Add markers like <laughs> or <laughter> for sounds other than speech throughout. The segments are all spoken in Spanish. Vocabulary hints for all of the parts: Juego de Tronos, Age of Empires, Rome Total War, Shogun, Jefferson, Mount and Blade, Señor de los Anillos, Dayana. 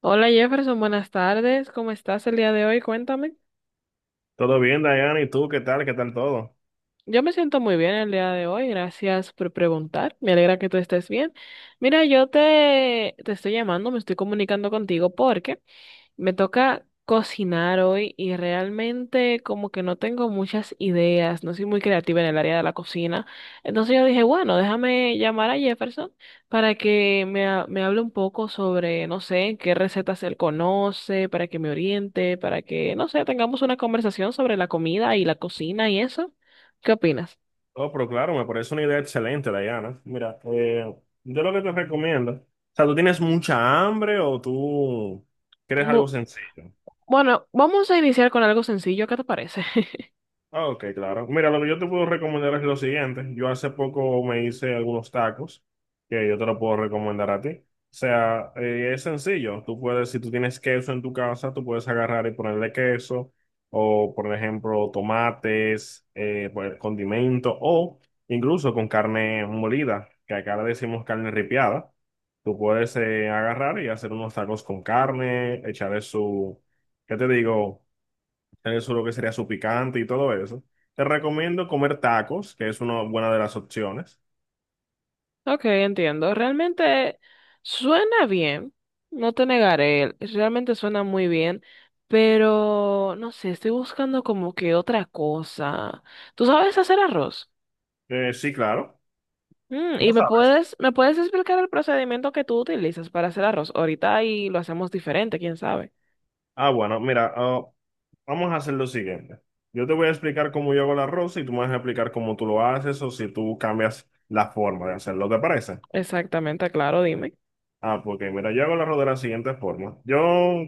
Hola Jefferson, buenas tardes. ¿Cómo estás el día de hoy? Cuéntame. Todo bien, Dayana, ¿y tú qué tal? ¿Qué tal todo? Yo me siento muy bien el día de hoy, gracias por preguntar. Me alegra que tú estés bien. Mira, yo te estoy llamando, me estoy comunicando contigo porque me toca cocinar hoy y realmente como que no tengo muchas ideas, no soy muy creativa en el área de la cocina. Entonces yo dije, bueno, déjame llamar a Jefferson para que me hable un poco sobre, no sé, qué recetas él conoce, para que me oriente, para que, no sé, tengamos una conversación sobre la comida y la cocina y eso. ¿Qué opinas? Oh, pero claro, me parece una idea excelente, Dayana. Mira, yo lo que te recomiendo, o sea, ¿tú tienes mucha hambre o tú quieres algo Bu- sencillo? Bueno, vamos a iniciar con algo sencillo, ¿qué te parece? <laughs> Ah, ok, claro. Mira, lo que yo te puedo recomendar es lo siguiente. Yo hace poco me hice algunos tacos que yo te lo puedo recomendar a ti. O sea, es sencillo. Tú puedes, si tú tienes queso en tu casa, tú puedes agarrar y ponerle queso o, por ejemplo, tomates, pues, condimento o incluso con carne molida, que acá le decimos carne ripiada. Tú puedes agarrar y hacer unos tacos con carne, echarle su, ¿qué te digo? Tener su lo que sería su picante y todo eso. Te recomiendo comer tacos, que es una buena de las opciones. Ok, entiendo. Realmente suena bien, no te negaré, realmente suena muy bien, pero no sé, estoy buscando como que otra cosa. ¿Tú sabes hacer arroz? Sí, claro. ¿Y No me sabes. puedes, me puedes explicar el procedimiento que tú utilizas para hacer arroz? Ahorita ahí lo hacemos diferente, quién sabe. Ah, bueno, mira, vamos a hacer lo siguiente. Yo te voy a explicar cómo yo hago el arroz y tú me vas a explicar cómo tú lo haces o si tú cambias la forma de hacerlo, ¿te parece? Exactamente, claro, dime. Ah, porque mira, yo hago el arroz de la siguiente forma. Yo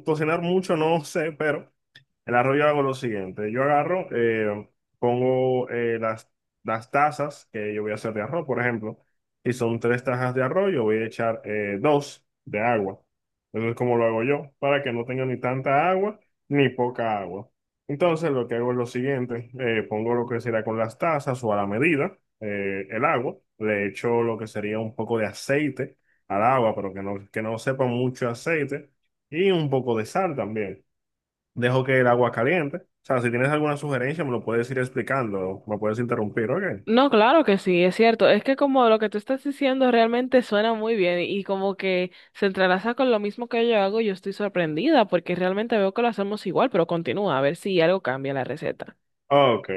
cocinar mucho no <laughs> sé, pero el arroz yo hago lo siguiente, yo agarro, pongo las tazas que yo voy a hacer de arroz, por ejemplo, si son tres tazas de arroz, yo voy a echar dos de agua. Eso es como lo hago yo, para que no tenga ni tanta agua ni poca agua. Entonces lo que hago es lo siguiente, pongo lo que será con las tazas o a la medida, el agua, le echo lo que sería un poco de aceite al agua, pero que no sepa mucho aceite y un poco de sal también dejo que el agua caliente. O sea, si tienes alguna sugerencia, me lo puedes ir explicando, me puedes interrumpir, ¿ok? No, claro que sí, es cierto. Es que como lo que tú estás diciendo realmente suena muy bien y como que se entrelaza con lo mismo que yo hago, yo estoy sorprendida porque realmente veo que lo hacemos igual, pero continúa a ver si algo cambia la receta. Ok,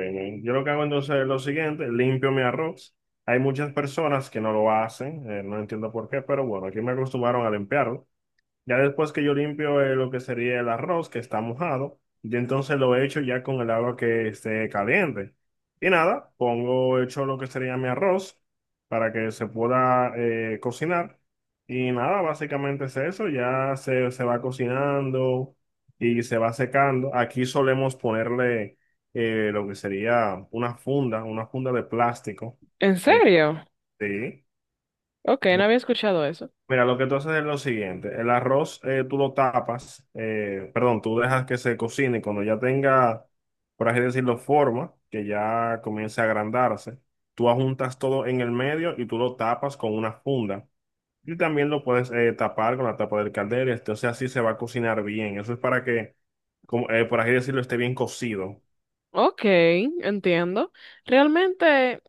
yo lo que hago entonces es lo siguiente, limpio mi arroz. Hay muchas personas que no lo hacen, no entiendo por qué, pero bueno, aquí me acostumbraron a limpiarlo. Ya después que yo limpio lo que sería el arroz que está mojado, yo entonces lo echo ya con el agua que esté caliente. Y nada, pongo hecho lo que sería mi arroz para que se pueda cocinar. Y nada, básicamente es eso, se va cocinando y se va secando. Aquí solemos ponerle lo que sería una funda de plástico. ¿En eh, serio? sí. Ok, no había escuchado eso. Mira, lo que tú haces es lo siguiente, el arroz tú lo tapas, perdón, tú dejas que se cocine y cuando ya tenga, por así decirlo, forma, que ya comience a agrandarse, tú ajuntas todo en el medio y tú lo tapas con una funda. Y también lo puedes tapar con la tapa del caldero, entonces así se va a cocinar bien. Eso es para que, por así decirlo, esté bien cocido. Ok, entiendo. Realmente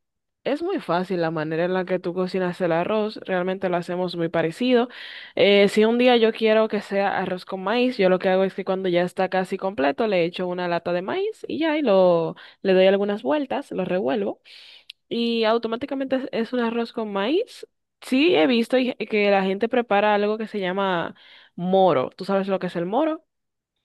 es muy fácil la manera en la que tú cocinas el arroz, realmente lo hacemos muy parecido. Si un día yo quiero que sea arroz con maíz, yo lo que hago es que cuando ya está casi completo le echo una lata de maíz y ya, le doy algunas vueltas, lo revuelvo y automáticamente es un arroz con maíz. Sí, he visto que la gente prepara algo que se llama moro. ¿Tú sabes lo que es el moro?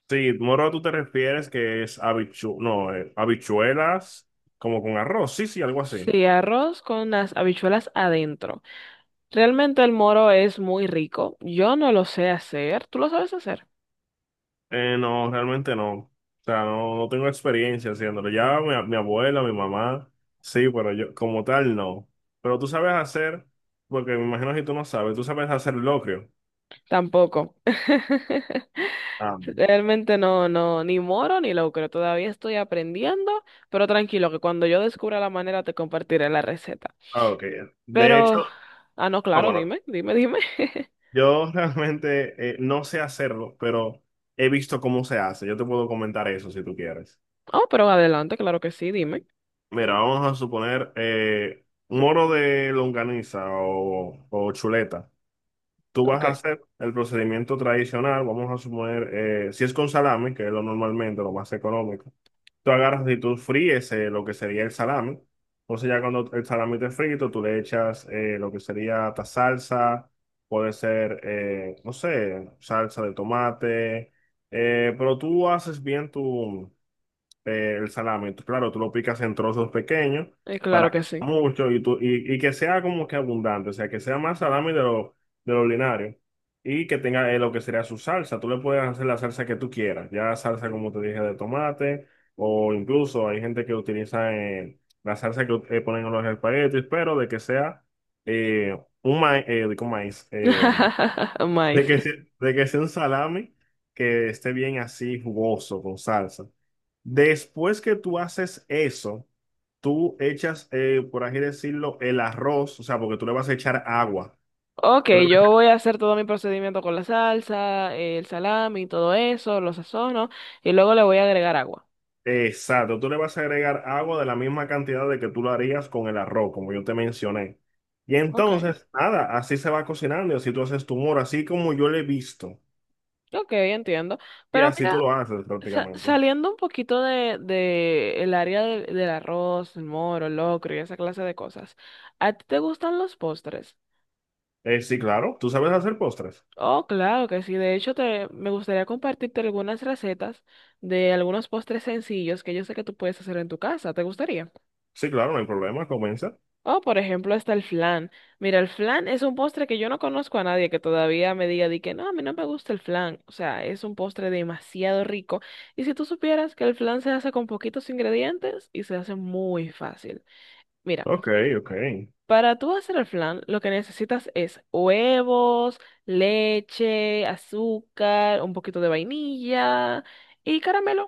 Sí, moro, tú te refieres que es habichu no, habichuelas como con arroz, sí, sí, algo así. Sí, arroz con las habichuelas adentro. Realmente el moro es muy rico. Yo no lo sé hacer. ¿Tú lo sabes hacer? No, realmente no. O sea, no, no tengo experiencia haciéndolo. Ya mi abuela, mi mamá, sí, pero yo como tal no. Pero tú sabes hacer, porque me imagino que tú no sabes, tú sabes hacer locrio. Tampoco. <laughs> Ah, Realmente no, no, ni moro ni locro. Todavía estoy aprendiendo, pero tranquilo que cuando yo descubra la manera te compartiré la receta. ah, ok. De hecho, Pero, ah, no, ah, claro, bueno, dime. <laughs> yo <laughs> realmente no sé hacerlo, pero he visto cómo se hace. Yo te puedo comentar eso si tú quieres. Oh, pero adelante, claro que sí, dime. Mira, vamos a suponer moro de longaniza o chuleta. Tú Ok, vas a hacer el procedimiento tradicional, vamos a suponer, si es con salami, que es lo normalmente, lo más económico, tú agarras y tú fríes lo que sería el salami. Entonces ya cuando el salami esté frito, tú le echas lo que sería esta salsa, puede ser, no sé, salsa de tomate, pero tú haces bien tu, el salami. Tú, claro, tú lo picas en trozos pequeños claro para que que sea sí. mucho y que sea como que abundante, o sea, que sea más salami de lo ordinario y que tenga lo que sería su salsa. Tú le puedes hacer la salsa que tú quieras, ya salsa como te dije de tomate o incluso hay gente que utiliza la salsa que ponen en los espaguetis, pero de que sea digo maíz, <laughs> de Maíz. que, sea- de que sea un salami que esté bien así jugoso con salsa. Después que tú haces eso, tú echas, por así decirlo, el arroz, o sea, porque tú le vas a echar agua. Ok, Tú le vas yo a- voy a hacer todo mi procedimiento con la salsa, el salami, todo eso, lo sazono y luego le voy a agregar agua. exacto, tú le vas a agregar agua de la misma cantidad de que tú lo harías con el arroz, como yo te mencioné. Y Ok, entonces, nada, así se va cocinando y así tú haces tu moro, así como yo lo he visto. ok, entiendo. Y Pero así tú mira, lo haces prácticamente. saliendo un poquito de el área del arroz, el moro, el locro y esa clase de cosas, ¿a ti te gustan los postres? Sí, claro, ¿tú sabes hacer postres? Oh, claro que sí. De hecho, me gustaría compartirte algunas recetas de algunos postres sencillos que yo sé que tú puedes hacer en tu casa. ¿Te gustaría? Sí, claro, no hay problema, comienza. O, por ejemplo, está el flan. Mira, el flan es un postre que yo no conozco a nadie que todavía me diga de que no, a mí no me gusta el flan. O sea, es un postre demasiado rico. Y si tú supieras que el flan se hace con poquitos ingredientes y se hace muy fácil. Mira, Ok, ok. O para tú hacer el flan, lo que necesitas es huevos, leche, azúcar, un poquito de vainilla y caramelo.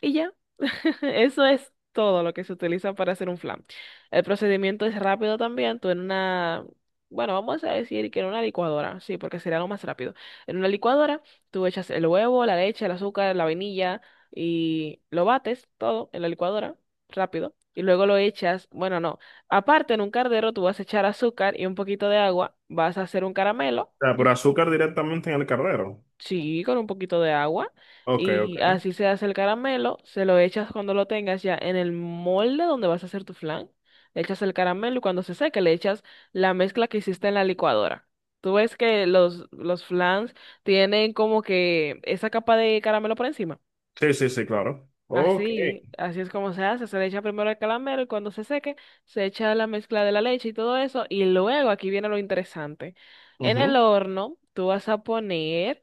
Y ya. <laughs> Eso es todo lo que se utiliza para hacer un flan. El procedimiento es rápido también. Bueno, vamos a decir que en una licuadora, sí, porque sería lo más rápido. En una licuadora, tú echas el huevo, la leche, el azúcar, la vainilla y lo bates todo en la licuadora, rápido. Y luego lo echas, bueno, no. Aparte, en un cardero tú vas a echar azúcar y un poquito de agua, vas a hacer un caramelo. sea, pero azúcar directamente en el cardero. Sí, con un poquito de agua. Ok, ok. Y así se hace el caramelo. Se lo echas cuando lo tengas ya en el molde donde vas a hacer tu flan. Le echas el caramelo y cuando se seque le echas la mezcla que hiciste en la licuadora. Tú ves que los flans tienen como que esa capa de caramelo por encima. Sí, sí, sí, claro. Ok. Así, así es como se hace. Se le echa primero el caramelo y cuando se seque se echa la mezcla de la leche y todo eso. Y luego aquí viene lo interesante. En el Ujú. horno tú vas a poner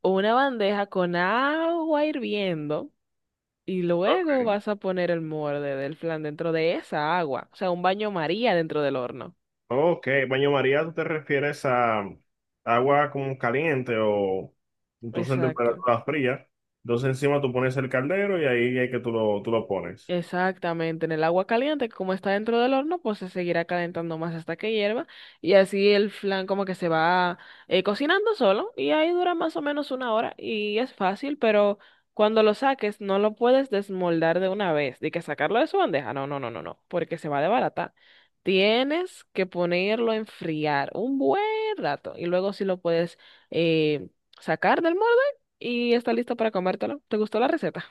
una bandeja con agua hirviendo y Ok. luego vas a poner el molde del flan dentro de esa agua, o sea, un baño María dentro del horno. Ok, baño María, ¿tú te refieres a agua como caliente o tú en Exacto. temperatura fría? Entonces encima tú pones el caldero y ahí es que tú lo pones. Exactamente, en el agua caliente, que como está dentro del horno, pues se seguirá calentando más hasta que hierva y así el flan como que se va cocinando solo y ahí dura más o menos una hora y es fácil, pero cuando lo saques no lo puedes desmoldar de una vez, de que sacarlo de su bandeja, no, no, no, no, no, porque se va a desbaratar. Tienes que ponerlo a enfriar un buen rato y luego si lo puedes eh, sacar del molde y está listo para comértelo. ¿Te gustó la receta?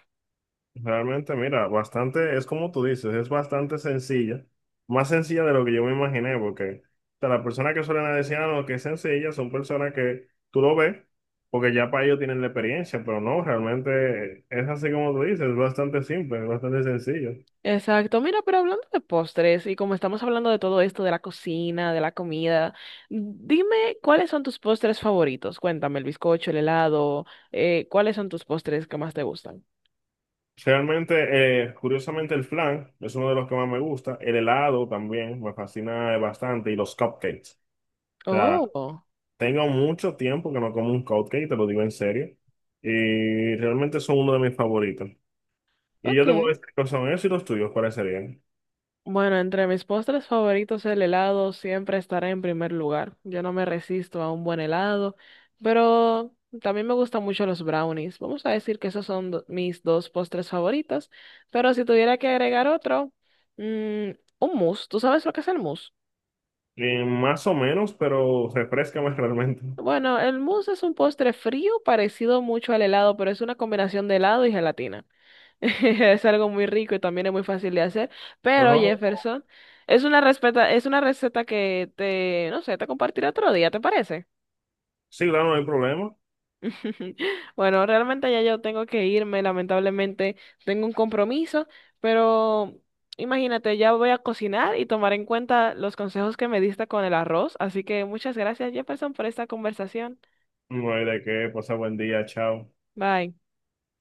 Realmente, mira, bastante, es como tú dices, es bastante sencilla, más sencilla de lo que yo me imaginé, porque o sea, las personas que suelen decir, ah, no, que es sencilla, son personas que tú lo ves, porque ya para ellos tienen la experiencia, pero no, realmente es así como tú dices, es bastante simple, es bastante sencillo. Exacto, mira, pero hablando de postres y como estamos hablando de todo esto, de la cocina, de la comida, dime cuáles son tus postres favoritos. Cuéntame, el bizcocho, el helado, ¿cuáles son tus postres que más te gustan? Realmente, curiosamente, el flan es uno de los que más me gusta, el helado también me fascina bastante y los cupcakes. O sea, Oh, tengo mucho tiempo que no como un cupcake, te lo digo en serio. Y realmente son uno de mis favoritos. Y yo ok. te voy a decir que son esos y los tuyos, ¿cuáles serían? Bueno, entre mis postres favoritos, el helado siempre estará en primer lugar. Yo no me resisto a un buen helado, pero también me gustan mucho los brownies. Vamos a decir que esos son mis dos postres favoritos, pero si tuviera que agregar otro, mm, un mousse. ¿Tú sabes lo que es el mousse? Más o menos, pero refrescame <laughs> realmente. Bueno, el mousse es un postre frío parecido mucho al helado, pero es una combinación de helado y gelatina. <laughs> Es algo muy rico y también es muy fácil de hacer, pero Ojo. Jefferson, es una receta no sé, te compartiré otro día, ¿te parece? Sí, claro, no hay problema. <laughs> Bueno, realmente ya yo tengo que irme, lamentablemente tengo un compromiso, pero imagínate, ya voy a cocinar y tomar en cuenta los consejos que me diste con el arroz, así que muchas gracias, Jefferson, por esta conversación. No hay de qué. Pasa buen día, chao. Bye.